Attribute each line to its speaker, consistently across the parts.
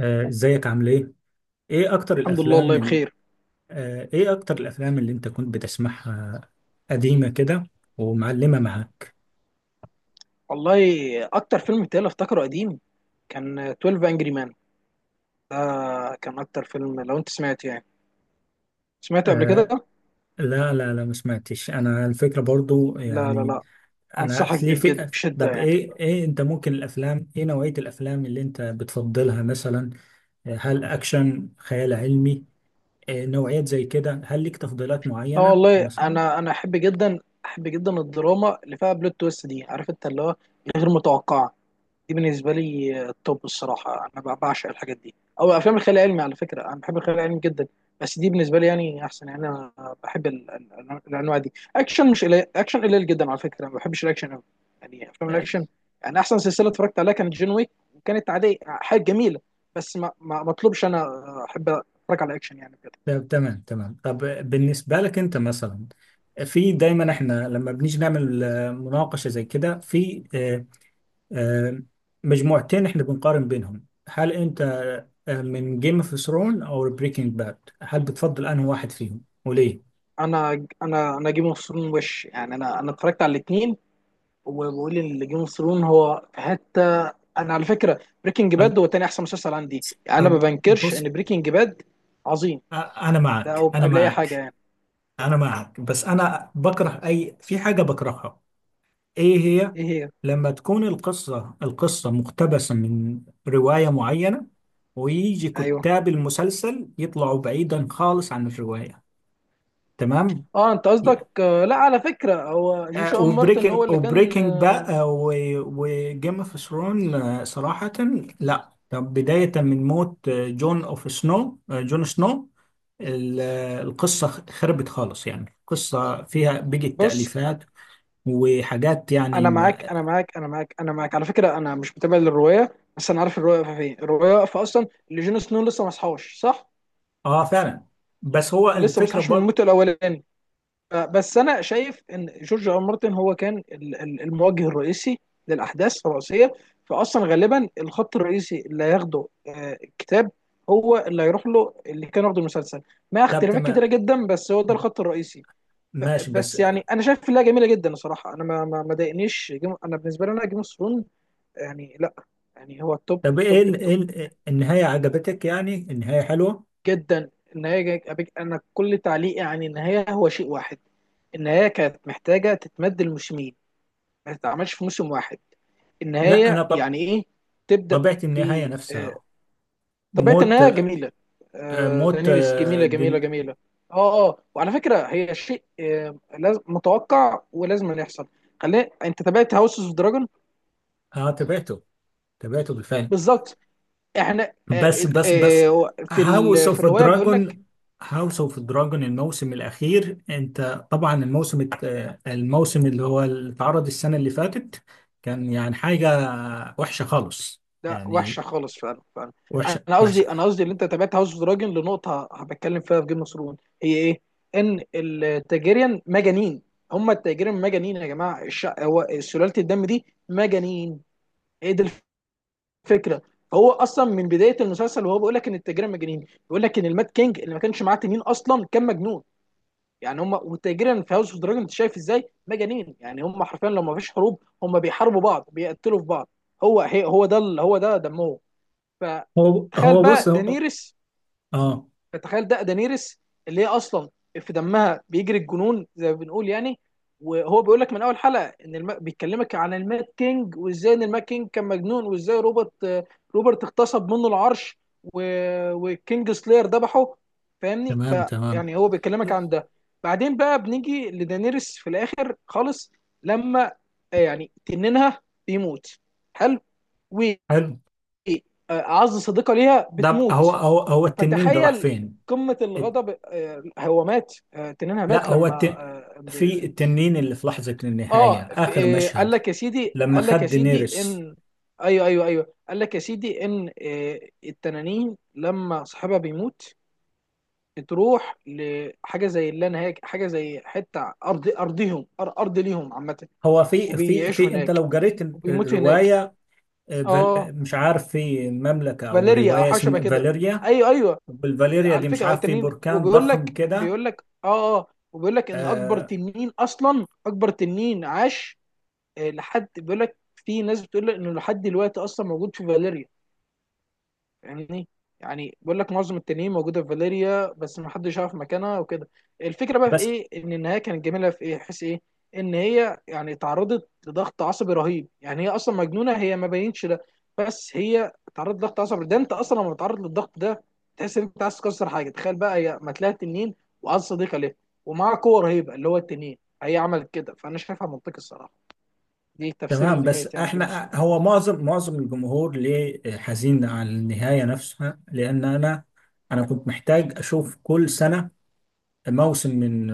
Speaker 1: ازيك عامل ايه؟ ايه اكتر
Speaker 2: الحمد لله،
Speaker 1: الافلام
Speaker 2: والله بخير.
Speaker 1: ايه اكتر الافلام اللي انت كنت بتسمعها قديمة كده ومعلمة معاك؟
Speaker 2: والله، اكتر فيلم بتاعي افتكره قديم كان 12 انجري مان. ده كان اكتر فيلم، لو انت سمعت يعني سمعته قبل
Speaker 1: آه،
Speaker 2: كده.
Speaker 1: لا لا لا، ما سمعتش انا الفكرة برضو
Speaker 2: لا لا
Speaker 1: يعني.
Speaker 2: لا،
Speaker 1: انا
Speaker 2: انصحك
Speaker 1: في ليه
Speaker 2: بيه
Speaker 1: في.
Speaker 2: بجد بشده
Speaker 1: طب
Speaker 2: يعني.
Speaker 1: ايه انت ممكن الافلام، ايه نوعية الافلام اللي انت بتفضلها مثلا؟ هل اكشن، خيال علمي؟ نوعيات زي كده، هل ليك تفضيلات
Speaker 2: لا
Speaker 1: معينة
Speaker 2: والله،
Speaker 1: مثلا؟
Speaker 2: انا احب جدا، احب جدا الدراما اللي فيها بلوت تويست دي، عارف انت اللي هو غير متوقعه. دي بالنسبه لي التوب الصراحه. انا بعشق الحاجات دي، او افلام الخيال العلمي. على فكره انا بحب الخيال العلمي جدا، بس دي بالنسبه لي يعني احسن. يعني انا بحب الانواع دي. اكشن مش قليل، اكشن قليل جدا على فكره، ما بحبش الاكشن قوي يعني افلام الاكشن. يعني احسن سلسله اتفرجت عليها كانت جون ويك، وكانت عاديه، حاجه جميله. بس ما اطلبش، انا احب اتفرج على اكشن يعني بجد.
Speaker 1: طب تمام تمام، طب. بالنسبة لك أنت مثلا، في دايما احنا لما بنيجي نعمل مناقشة زي كده، في آه، مجموعتين احنا بنقارن بينهم، هل أنت من جيم اوف ثرون أو بريكنج باد، هل بتفضل أنهي واحد فيهم وليه؟
Speaker 2: انا جيم اوف ثرون. وش يعني؟ انا اتفرجت على الاثنين، وبقول ان جيم اوف ثرون هو في حته. انا على فكره بريكنج
Speaker 1: طب.
Speaker 2: باد هو تاني احسن مسلسل عندي. يعني انا ما بنكرش
Speaker 1: بص.
Speaker 2: ان بريكنج باد عظيم،
Speaker 1: أ- انا
Speaker 2: ده
Speaker 1: معك،
Speaker 2: او
Speaker 1: انا
Speaker 2: قبل اي حاجه
Speaker 1: معك،
Speaker 2: يعني.
Speaker 1: انا معك، بس انا بكره اي في حاجه بكرهها. ايه هي؟
Speaker 2: ايه هي؟
Speaker 1: لما تكون القصة مقتبسة من رواية معينة، ويجي
Speaker 2: ايوه.
Speaker 1: كتاب المسلسل يطلعوا بعيدا خالص عن الرواية. تمام.
Speaker 2: اه، انت
Speaker 1: Yeah.
Speaker 2: قصدك لا، على فكره هو جوشوا ام مارتن هو
Speaker 1: وبريكنج
Speaker 2: اللي كان.
Speaker 1: وبريكنج بقى، وجيم اوف ثرون صراحة. لا، طب بداية من موت جون سنو، القصة خربت خالص، يعني القصة فيها بيجي
Speaker 2: بص،
Speaker 1: تأليفات وحاجات يعني
Speaker 2: انا معاك
Speaker 1: ما...
Speaker 2: انا معاك انا معاك انا معاك، على فكره انا مش متابع للروايه، بس انا عارف الروايه واقفه فين. الروايه واقفه اصلا اللي جون سنو لسه ما صحاش، صح؟
Speaker 1: اه، فعلا. بس هو
Speaker 2: لسه ما
Speaker 1: الفكرة
Speaker 2: صحاش من
Speaker 1: برضه.
Speaker 2: موته الاولاني. بس انا شايف ان جورج ار مارتن هو كان الموجه الرئيسي للاحداث الرئيسيه. فاصلا غالبا الخط الرئيسي اللي هياخده الكتاب هو اللي هيروح له، اللي كان واخده المسلسل، مع
Speaker 1: طب
Speaker 2: اختلافات
Speaker 1: تمام،
Speaker 2: كتيره جدا، بس هو ده الخط الرئيسي.
Speaker 1: ماشي. بس
Speaker 2: بس يعني انا شايف انها جميله جدا الصراحه. انا ما ضايقنيش، انا بالنسبه لي، انا جيم اوف ثرونز يعني، لا يعني، هو التوب
Speaker 1: طب
Speaker 2: التوب التوب.
Speaker 1: النهاية عجبتك، يعني النهاية حلوة؟
Speaker 2: جدا. النهايه انا كل تعليقي عن النهايه هو شيء واحد: النهايه كانت محتاجه تتمد الموسمين، ما تتعملش في موسم واحد.
Speaker 1: لا انا،
Speaker 2: النهايه
Speaker 1: طب
Speaker 2: يعني ايه؟ تبدا
Speaker 1: طبيعة
Speaker 2: ب
Speaker 1: النهاية
Speaker 2: آه،
Speaker 1: نفسها.
Speaker 2: طبيعه
Speaker 1: موت،
Speaker 2: النهايه جميله.
Speaker 1: موت
Speaker 2: دانيريس جميله جميله جميله. اه اه، وعلى فكره هي شيء متوقع ولازم أن يحصل. خلينا، انت تابعت هاوس اوف دراجون؟
Speaker 1: اه، تابعته، تابعته بالفعل.
Speaker 2: بالظبط. احنا
Speaker 1: بس بس بس
Speaker 2: في
Speaker 1: هاوس
Speaker 2: في
Speaker 1: اوف
Speaker 2: الروايه بيقول لك.
Speaker 1: دراجون. هاوس اوف دراجون الموسم الاخير، انت طبعا الموسم الموسم اللي هو اللي اتعرض السنة اللي فاتت كان يعني حاجة وحشة خالص،
Speaker 2: لا،
Speaker 1: يعني
Speaker 2: وحشه خالص فعلا فعلا.
Speaker 1: وحشة
Speaker 2: انا
Speaker 1: وحشة.
Speaker 2: قصدي، انا قصدي، اللي انت تابعت هاوس اوف دراجون لنقطه هبتكلم فيها في جيم اوف ثرون، هي ايه؟ ان التاجيريان مجانين. هم التاجيريان مجانين يا جماعه، هو سلاله الدم دي مجانين. ايه دي الفكره؟ هو اصلا من بدايه المسلسل وهو بيقول لك ان التاجيريان مجانين، بيقول لك ان المات كينج اللي ما كانش معاه تنين اصلا كان مجنون. يعني هم والتاجيريان في هاوس اوف دراجون، انت شايف ازاي؟ مجانين يعني. هم حرفيا لما فيش حروب هم بيحاربوا بعض، بيقتلوا في بعض. هو هي هو ده ال- هو ده دمهم.
Speaker 1: هو
Speaker 2: فتخيل
Speaker 1: هو
Speaker 2: بقى
Speaker 1: بص، هو،
Speaker 2: دانيرس،
Speaker 1: اه.
Speaker 2: فتخيل ده دانيرس اللي هي اصلا في دمها بيجري الجنون زي ما بنقول يعني. وهو بيقول لك من اول حلقه ان بيتكلمك عن المات كينج، وازاي ان المات كينج كان مجنون، وازاي روبرت، روبرت اغتصب منه العرش، و... وكينج سلاير ذبحه. فاهمني؟
Speaker 1: تمام تمام.
Speaker 2: فيعني هو بيكلمك عن ده. بعدين بقى بنيجي لدانيرس في الاخر خالص، لما يعني تنينها بيموت. حلو،
Speaker 1: حلو.
Speaker 2: وعز صديقه ليها
Speaker 1: هو
Speaker 2: بتموت،
Speaker 1: هو هو التنين ده راح
Speaker 2: فتخيل
Speaker 1: فين؟
Speaker 2: قمه
Speaker 1: الت-
Speaker 2: الغضب. هو مات، تنينها
Speaker 1: لا
Speaker 2: مات
Speaker 1: هو
Speaker 2: لما اه
Speaker 1: في التنين اللي في لحظة النهاية، آخر
Speaker 2: قال
Speaker 1: مشهد،
Speaker 2: لك يا سيدي،
Speaker 1: لما
Speaker 2: قال لك يا
Speaker 1: خد
Speaker 2: سيدي
Speaker 1: دينيريس.
Speaker 2: ان... ايوه ايوه ايوه، قال لك يا سيدي ان التنانين لما صاحبها بيموت بتروح لحاجه زي اللا نهايه، حاجه زي حته ارض، ارضهم، ارض ليهم عامه،
Speaker 1: هو في في
Speaker 2: وبيعيشوا
Speaker 1: في انت لو
Speaker 2: هناك
Speaker 1: قريت
Speaker 2: وبيموتوا هناك.
Speaker 1: الرواية آه، فال...
Speaker 2: اه،
Speaker 1: آه، مش عارف، في مملكة او
Speaker 2: فاليريا او
Speaker 1: رواية
Speaker 2: حاجه شبه
Speaker 1: اسمها
Speaker 2: كده.
Speaker 1: فاليريا،
Speaker 2: ايوه ايوه،
Speaker 1: والفاليريا
Speaker 2: على
Speaker 1: دي مش
Speaker 2: فكره أه
Speaker 1: عارف في
Speaker 2: تنين.
Speaker 1: بركان
Speaker 2: وبيقول
Speaker 1: ضخم
Speaker 2: لك
Speaker 1: كده.
Speaker 2: بيقول لك اه اه، وبيقول لك ان اكبر
Speaker 1: آه.
Speaker 2: تنين اصلا، اكبر تنين عاش. لحد، بيقول لك في ناس بتقول لك انه لحد دلوقتي اصلا موجود في فاليريا يعني. يعني بيقول لك معظم التنين موجوده في فاليريا، بس ما حدش يعرف مكانها وكده. الفكره بقى في
Speaker 1: بس
Speaker 2: ايه، ان النهايه كانت جميله في ايه، حيث ايه ان هي يعني تعرضت لضغط عصبي رهيب. يعني هي اصلا مجنونه، هي ما بينتش ده، بس هي تعرضت لضغط عصبي. ده انت اصلا لما بتتعرض للضغط ده تحس ان انت عايز تكسر حاجه. تخيل بقى هي ما تلاقي تنين وعايز صديقه ليه، ومعاها قوه رهيبه اللي هو التنين، هي عملت كده. فانا شايفها منطقي الصراحه. دي تفسير
Speaker 1: تمام. بس
Speaker 2: النهايه يعني جيم اوف
Speaker 1: احنا
Speaker 2: ثرونز.
Speaker 1: هو معظم الجمهور ليه حزين على النهاية نفسها، لان انا، انا كنت محتاج اشوف كل سنة موسم من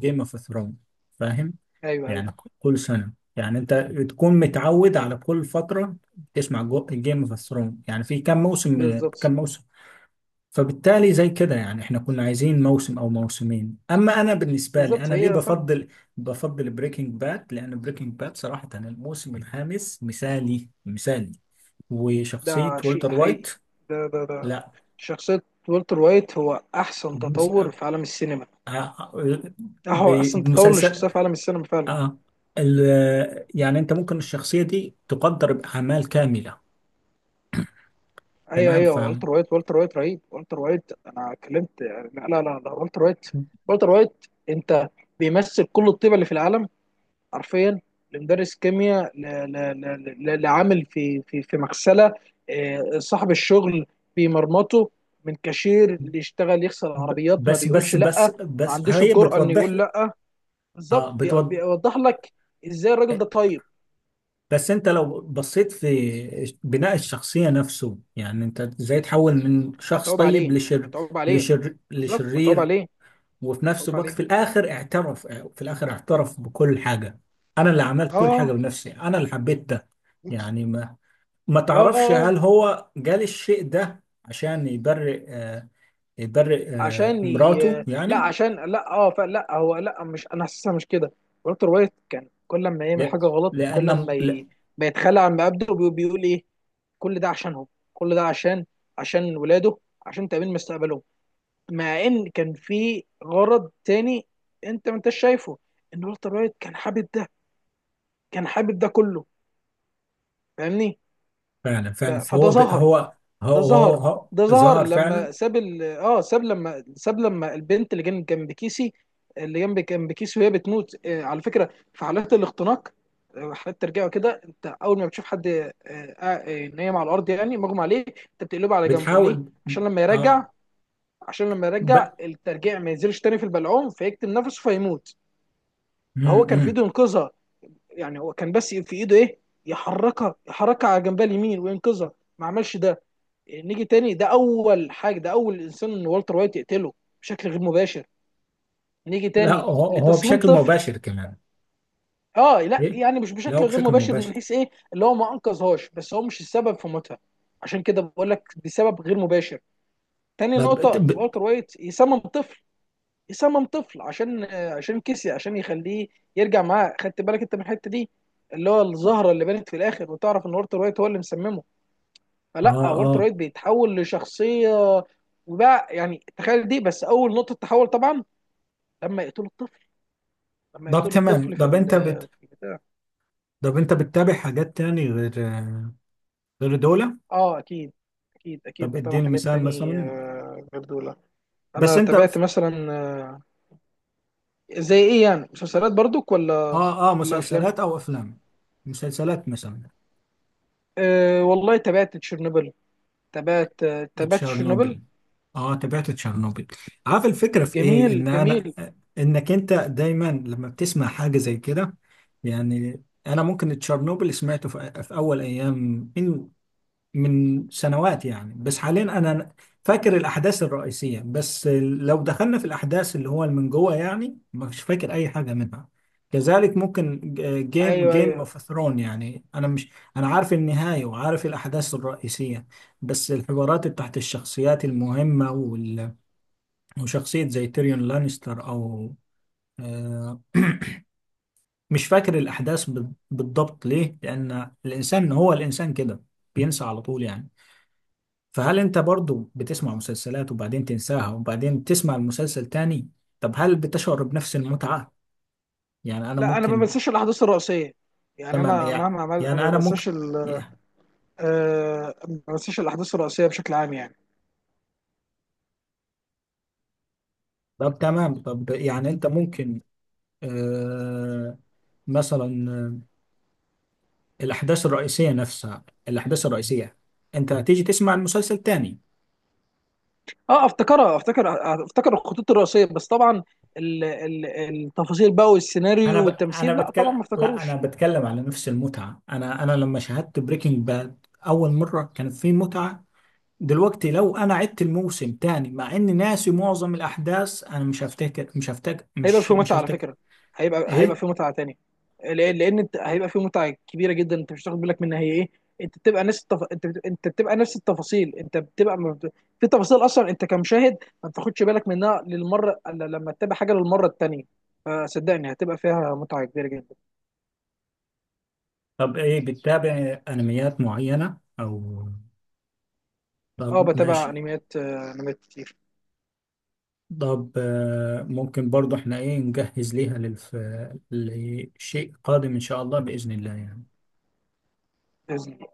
Speaker 1: جيم اوف ثرونز، فاهم؟
Speaker 2: ايوه ايوه
Speaker 1: يعني كل سنة، يعني انت تكون متعود على كل فترة تسمع جيم اوف ثرونز، يعني في كام موسم،
Speaker 2: بالظبط.
Speaker 1: كام موسم؟ فبالتالي زي كده يعني احنا كنا عايزين موسم او موسمين، اما انا بالنسبة لي
Speaker 2: بالظبط
Speaker 1: انا ليه
Speaker 2: هي فعلا.
Speaker 1: بفضل، بفضل بريكنج باد، لان بريكنج باد صراحة الموسم الخامس مثالي مثالي، وشخصية
Speaker 2: ده شيء
Speaker 1: والتر وايت.
Speaker 2: حقيقي، ده،
Speaker 1: لا،
Speaker 2: شخصية والتر وايت هو أحسن
Speaker 1: بمس-
Speaker 2: تطور
Speaker 1: آه،
Speaker 2: في عالم السينما.
Speaker 1: آه،
Speaker 2: ده هو أحسن تطور
Speaker 1: بمسلسل،
Speaker 2: لشخصية في عالم السينما فعلا.
Speaker 1: اه، ال يعني انت ممكن الشخصيه دي تقدر باعمال كامله.
Speaker 2: أيوه
Speaker 1: تمام،
Speaker 2: أيوه،
Speaker 1: فاهم.
Speaker 2: والتر وايت، والتر وايت رهيب. والتر وايت أنا اتكلمت يعني، لا لا لا، ده والتر وايت. والتر وايت أنت بيمثل كل الطيبة اللي في العالم حرفيا. لمدرس كيمياء، لعامل في مغسلة. صاحب الشغل بيمرمطه، من كاشير اللي يشتغل يغسل
Speaker 1: ب-
Speaker 2: عربيات، ما
Speaker 1: بس بس
Speaker 2: بيقولش
Speaker 1: بس
Speaker 2: لأ، ما
Speaker 1: بس
Speaker 2: عندوش
Speaker 1: هي
Speaker 2: الجرأة إنه
Speaker 1: بتوضح
Speaker 2: يقول
Speaker 1: لك.
Speaker 2: لأ. بالظبط،
Speaker 1: اه، بتوضح.
Speaker 2: بيوضح لك ازاي الراجل ده طيب.
Speaker 1: بس انت لو بصيت في بناء الشخصيه نفسه، يعني انت ازاي تحول من شخص
Speaker 2: متعوب
Speaker 1: طيب
Speaker 2: عليه متعوب عليه. بالظبط، متعوب
Speaker 1: لشرير،
Speaker 2: عليه
Speaker 1: وفي نفس
Speaker 2: متعوب
Speaker 1: الوقت
Speaker 2: عليه.
Speaker 1: في الاخر اعترف، في الاخر اعترف بكل حاجه. انا اللي عملت كل حاجه
Speaker 2: اه
Speaker 1: بنفسي، انا اللي حبيت ده، يعني ما
Speaker 2: اه اه
Speaker 1: تعرفش
Speaker 2: اه،
Speaker 1: هل هو جال الشيء ده عشان يبرئ
Speaker 2: عشان
Speaker 1: مراته
Speaker 2: لا
Speaker 1: يعني؟
Speaker 2: عشان لا اه فلا هو لا مش، انا حاسسها مش كده. والتر وايت كان كل ما يعمل
Speaker 1: لا-
Speaker 2: حاجه غلط،
Speaker 1: لأن
Speaker 2: كل ما
Speaker 1: لا،
Speaker 2: ما يتخلى عن مبادئه بيقول ايه، كل ده عشانهم، كل ده عشان ولاده، عشان تامين مستقبلهم. مع ان كان في غرض تاني، انت ما انتش شايفه ان والتر وايت كان حابب ده، كان حابب ده كله. فاهمني؟
Speaker 1: فعلا، فعلا،
Speaker 2: فده
Speaker 1: فهو
Speaker 2: ظهر،
Speaker 1: هو،
Speaker 2: ده ظهر،
Speaker 1: هو
Speaker 2: ده ظهر
Speaker 1: ظهر فعلا.
Speaker 2: لما ساب لما البنت اللي كانت جنب كيسي، اللي جنب جنب كيسي، وهي بتموت. آه، على فكره في حالات الاختناق حالات ترجعه كده، انت اول ما بتشوف حد نايم على الارض يعني مغمى عليه، انت بتقلبه على جنبه ليه؟
Speaker 1: بتحاول،
Speaker 2: عشان لما يرجع،
Speaker 1: اه
Speaker 2: عشان لما
Speaker 1: ب...
Speaker 2: يرجع الترجيع ما ينزلش تاني في البلعوم فيكتم نفسه فيموت.
Speaker 1: م
Speaker 2: فهو كان في
Speaker 1: -م.
Speaker 2: ايده ينقذها. يعني هو كان بس في ايده ايه، يحركها، يحركها على جنبها اليمين وينقذها، ما عملش ده. يعني نيجي تاني، ده اول حاجه، ده اول انسان ان والتر وايت يقتله بشكل غير مباشر. نيجي
Speaker 1: لا،
Speaker 2: تاني
Speaker 1: هو
Speaker 2: لتصميم
Speaker 1: بشكل
Speaker 2: طفل.
Speaker 1: مباشر كمان.
Speaker 2: اه، لا
Speaker 1: ايه،
Speaker 2: يعني مش
Speaker 1: لا هو
Speaker 2: بشكل غير
Speaker 1: بشكل
Speaker 2: مباشر
Speaker 1: مباشر.
Speaker 2: من حيث ايه اللي هو ما انقذهاش، بس هو مش السبب في موتها. عشان كده بقول لك بسبب غير مباشر. تاني
Speaker 1: طب
Speaker 2: نقطه، والتر وايت يصمم طفل، صمم طفل عشان، عشان كسي، عشان يخليه يرجع معاه. خدت بالك انت من الحته دي اللي هو الزهره
Speaker 1: اه،
Speaker 2: اللي بانت في الاخر، وتعرف ان والتر وايت هو اللي مسممه. فلا والتر
Speaker 1: اه.
Speaker 2: وايت بيتحول لشخصيه، وبقى يعني تخيل دي بس اول نقطه تحول طبعا لما يقتلوا الطفل، لما
Speaker 1: طب
Speaker 2: يقتلوا
Speaker 1: تمام،
Speaker 2: الطفل في
Speaker 1: طب انت
Speaker 2: في البتاع.
Speaker 1: طب انت بتتابع حاجات تاني آه، غير دول؟
Speaker 2: اه اكيد، اكيد اكيد،
Speaker 1: طب
Speaker 2: بتابع
Speaker 1: اديني
Speaker 2: حاجات
Speaker 1: مثال
Speaker 2: تاني
Speaker 1: مثلا،
Speaker 2: غير دول.
Speaker 1: بس
Speaker 2: انا
Speaker 1: انت.
Speaker 2: تابعت مثلا زي ايه يعني، مسلسلات برضك ولا
Speaker 1: اه، اه،
Speaker 2: ولا افلام؟
Speaker 1: مسلسلات او افلام، مسلسلات مثلا.
Speaker 2: أه والله تابعت تشيرنوبل. تبات تبات تشيرنوبل.
Speaker 1: تشيرنوبل. اه، تابعت تشيرنوبل. عارف الفكره في ايه؟ ان
Speaker 2: جميل
Speaker 1: انا،
Speaker 2: جميل.
Speaker 1: انك انت دايما لما بتسمع حاجه زي كده، يعني انا ممكن تشيرنوبل سمعته في اول ايام، من سنوات يعني، بس حاليا انا فاكر الاحداث الرئيسيه، بس لو دخلنا في الاحداث اللي هو من جوه يعني مش فاكر اي حاجه منها. كذلك ممكن جيم
Speaker 2: ايوه
Speaker 1: جيم
Speaker 2: ايوه،
Speaker 1: اوف ثرون، يعني انا مش، انا عارف النهايه وعارف الاحداث الرئيسيه، بس الحوارات تحت الشخصيات المهمه وشخصيه زي تيريون لانستر، او آه، مش فاكر الاحداث بالضبط، ليه؟ لان الانسان هو الانسان كده، بينسى على طول يعني. فهل انت برضو بتسمع مسلسلات وبعدين تنساها وبعدين تسمع المسلسل تاني؟ طب هل بتشعر بنفس المتعة؟ يعني انا
Speaker 2: لا انا ما
Speaker 1: ممكن،
Speaker 2: بنساش الاحداث الرئيسيه، يعني
Speaker 1: تمام،
Speaker 2: انا
Speaker 1: يعني
Speaker 2: مهما عملت انا ما
Speaker 1: انا
Speaker 2: بنساش
Speaker 1: ممكن.
Speaker 2: ما بنساش الاحداث الرئيسيه بشكل عام يعني.
Speaker 1: طب تمام، طب يعني انت ممكن آه مثلا، الاحداث الرئيسية نفسها، الاحداث الرئيسية انت هتيجي تسمع المسلسل تاني.
Speaker 2: اه افتكرها، افتكر الخطوط الرئيسيه، بس طبعا التفاصيل بقى والسيناريو
Speaker 1: انا
Speaker 2: والتمثيل لا طبعا
Speaker 1: بتكلم،
Speaker 2: ما
Speaker 1: لا، انا
Speaker 2: افتكروش.
Speaker 1: بتكلم على نفس المتعة. انا لما شاهدت بريكنج باد اول مرة كانت في متعة، دلوقتي لو انا عدت الموسم تاني مع اني ناسي معظم الاحداث، انا مش هفتكر مش هفتكر
Speaker 2: هيبقى
Speaker 1: مش
Speaker 2: فيه
Speaker 1: مش
Speaker 2: متعه على
Speaker 1: هفتكر.
Speaker 2: فكره. هيبقى
Speaker 1: ايه؟
Speaker 2: فيه متعه تانية. لان انت هيبقى فيه متعه كبيره جدا انت مش هتاخد بالك منها هي ايه. انت بتبقى نفس التفاصيل، انت بتبقى ما بت... في تفاصيل اصلا انت كمشاهد ما بتاخدش بالك منها للمره، الا لما تتابع حاجه للمره التانية. فصدقني هتبقى فيها متعه كبيره جدا.
Speaker 1: طب ايه بتتابع انميات معينة، او
Speaker 2: اه
Speaker 1: طب
Speaker 2: بتابع
Speaker 1: ماشي.
Speaker 2: انميات، انميات كتير.
Speaker 1: طب، ممكن برضو احنا ايه نجهز ليها لشيء قادم ان شاء الله، بإذن الله يعني.
Speaker 2: باذن الله.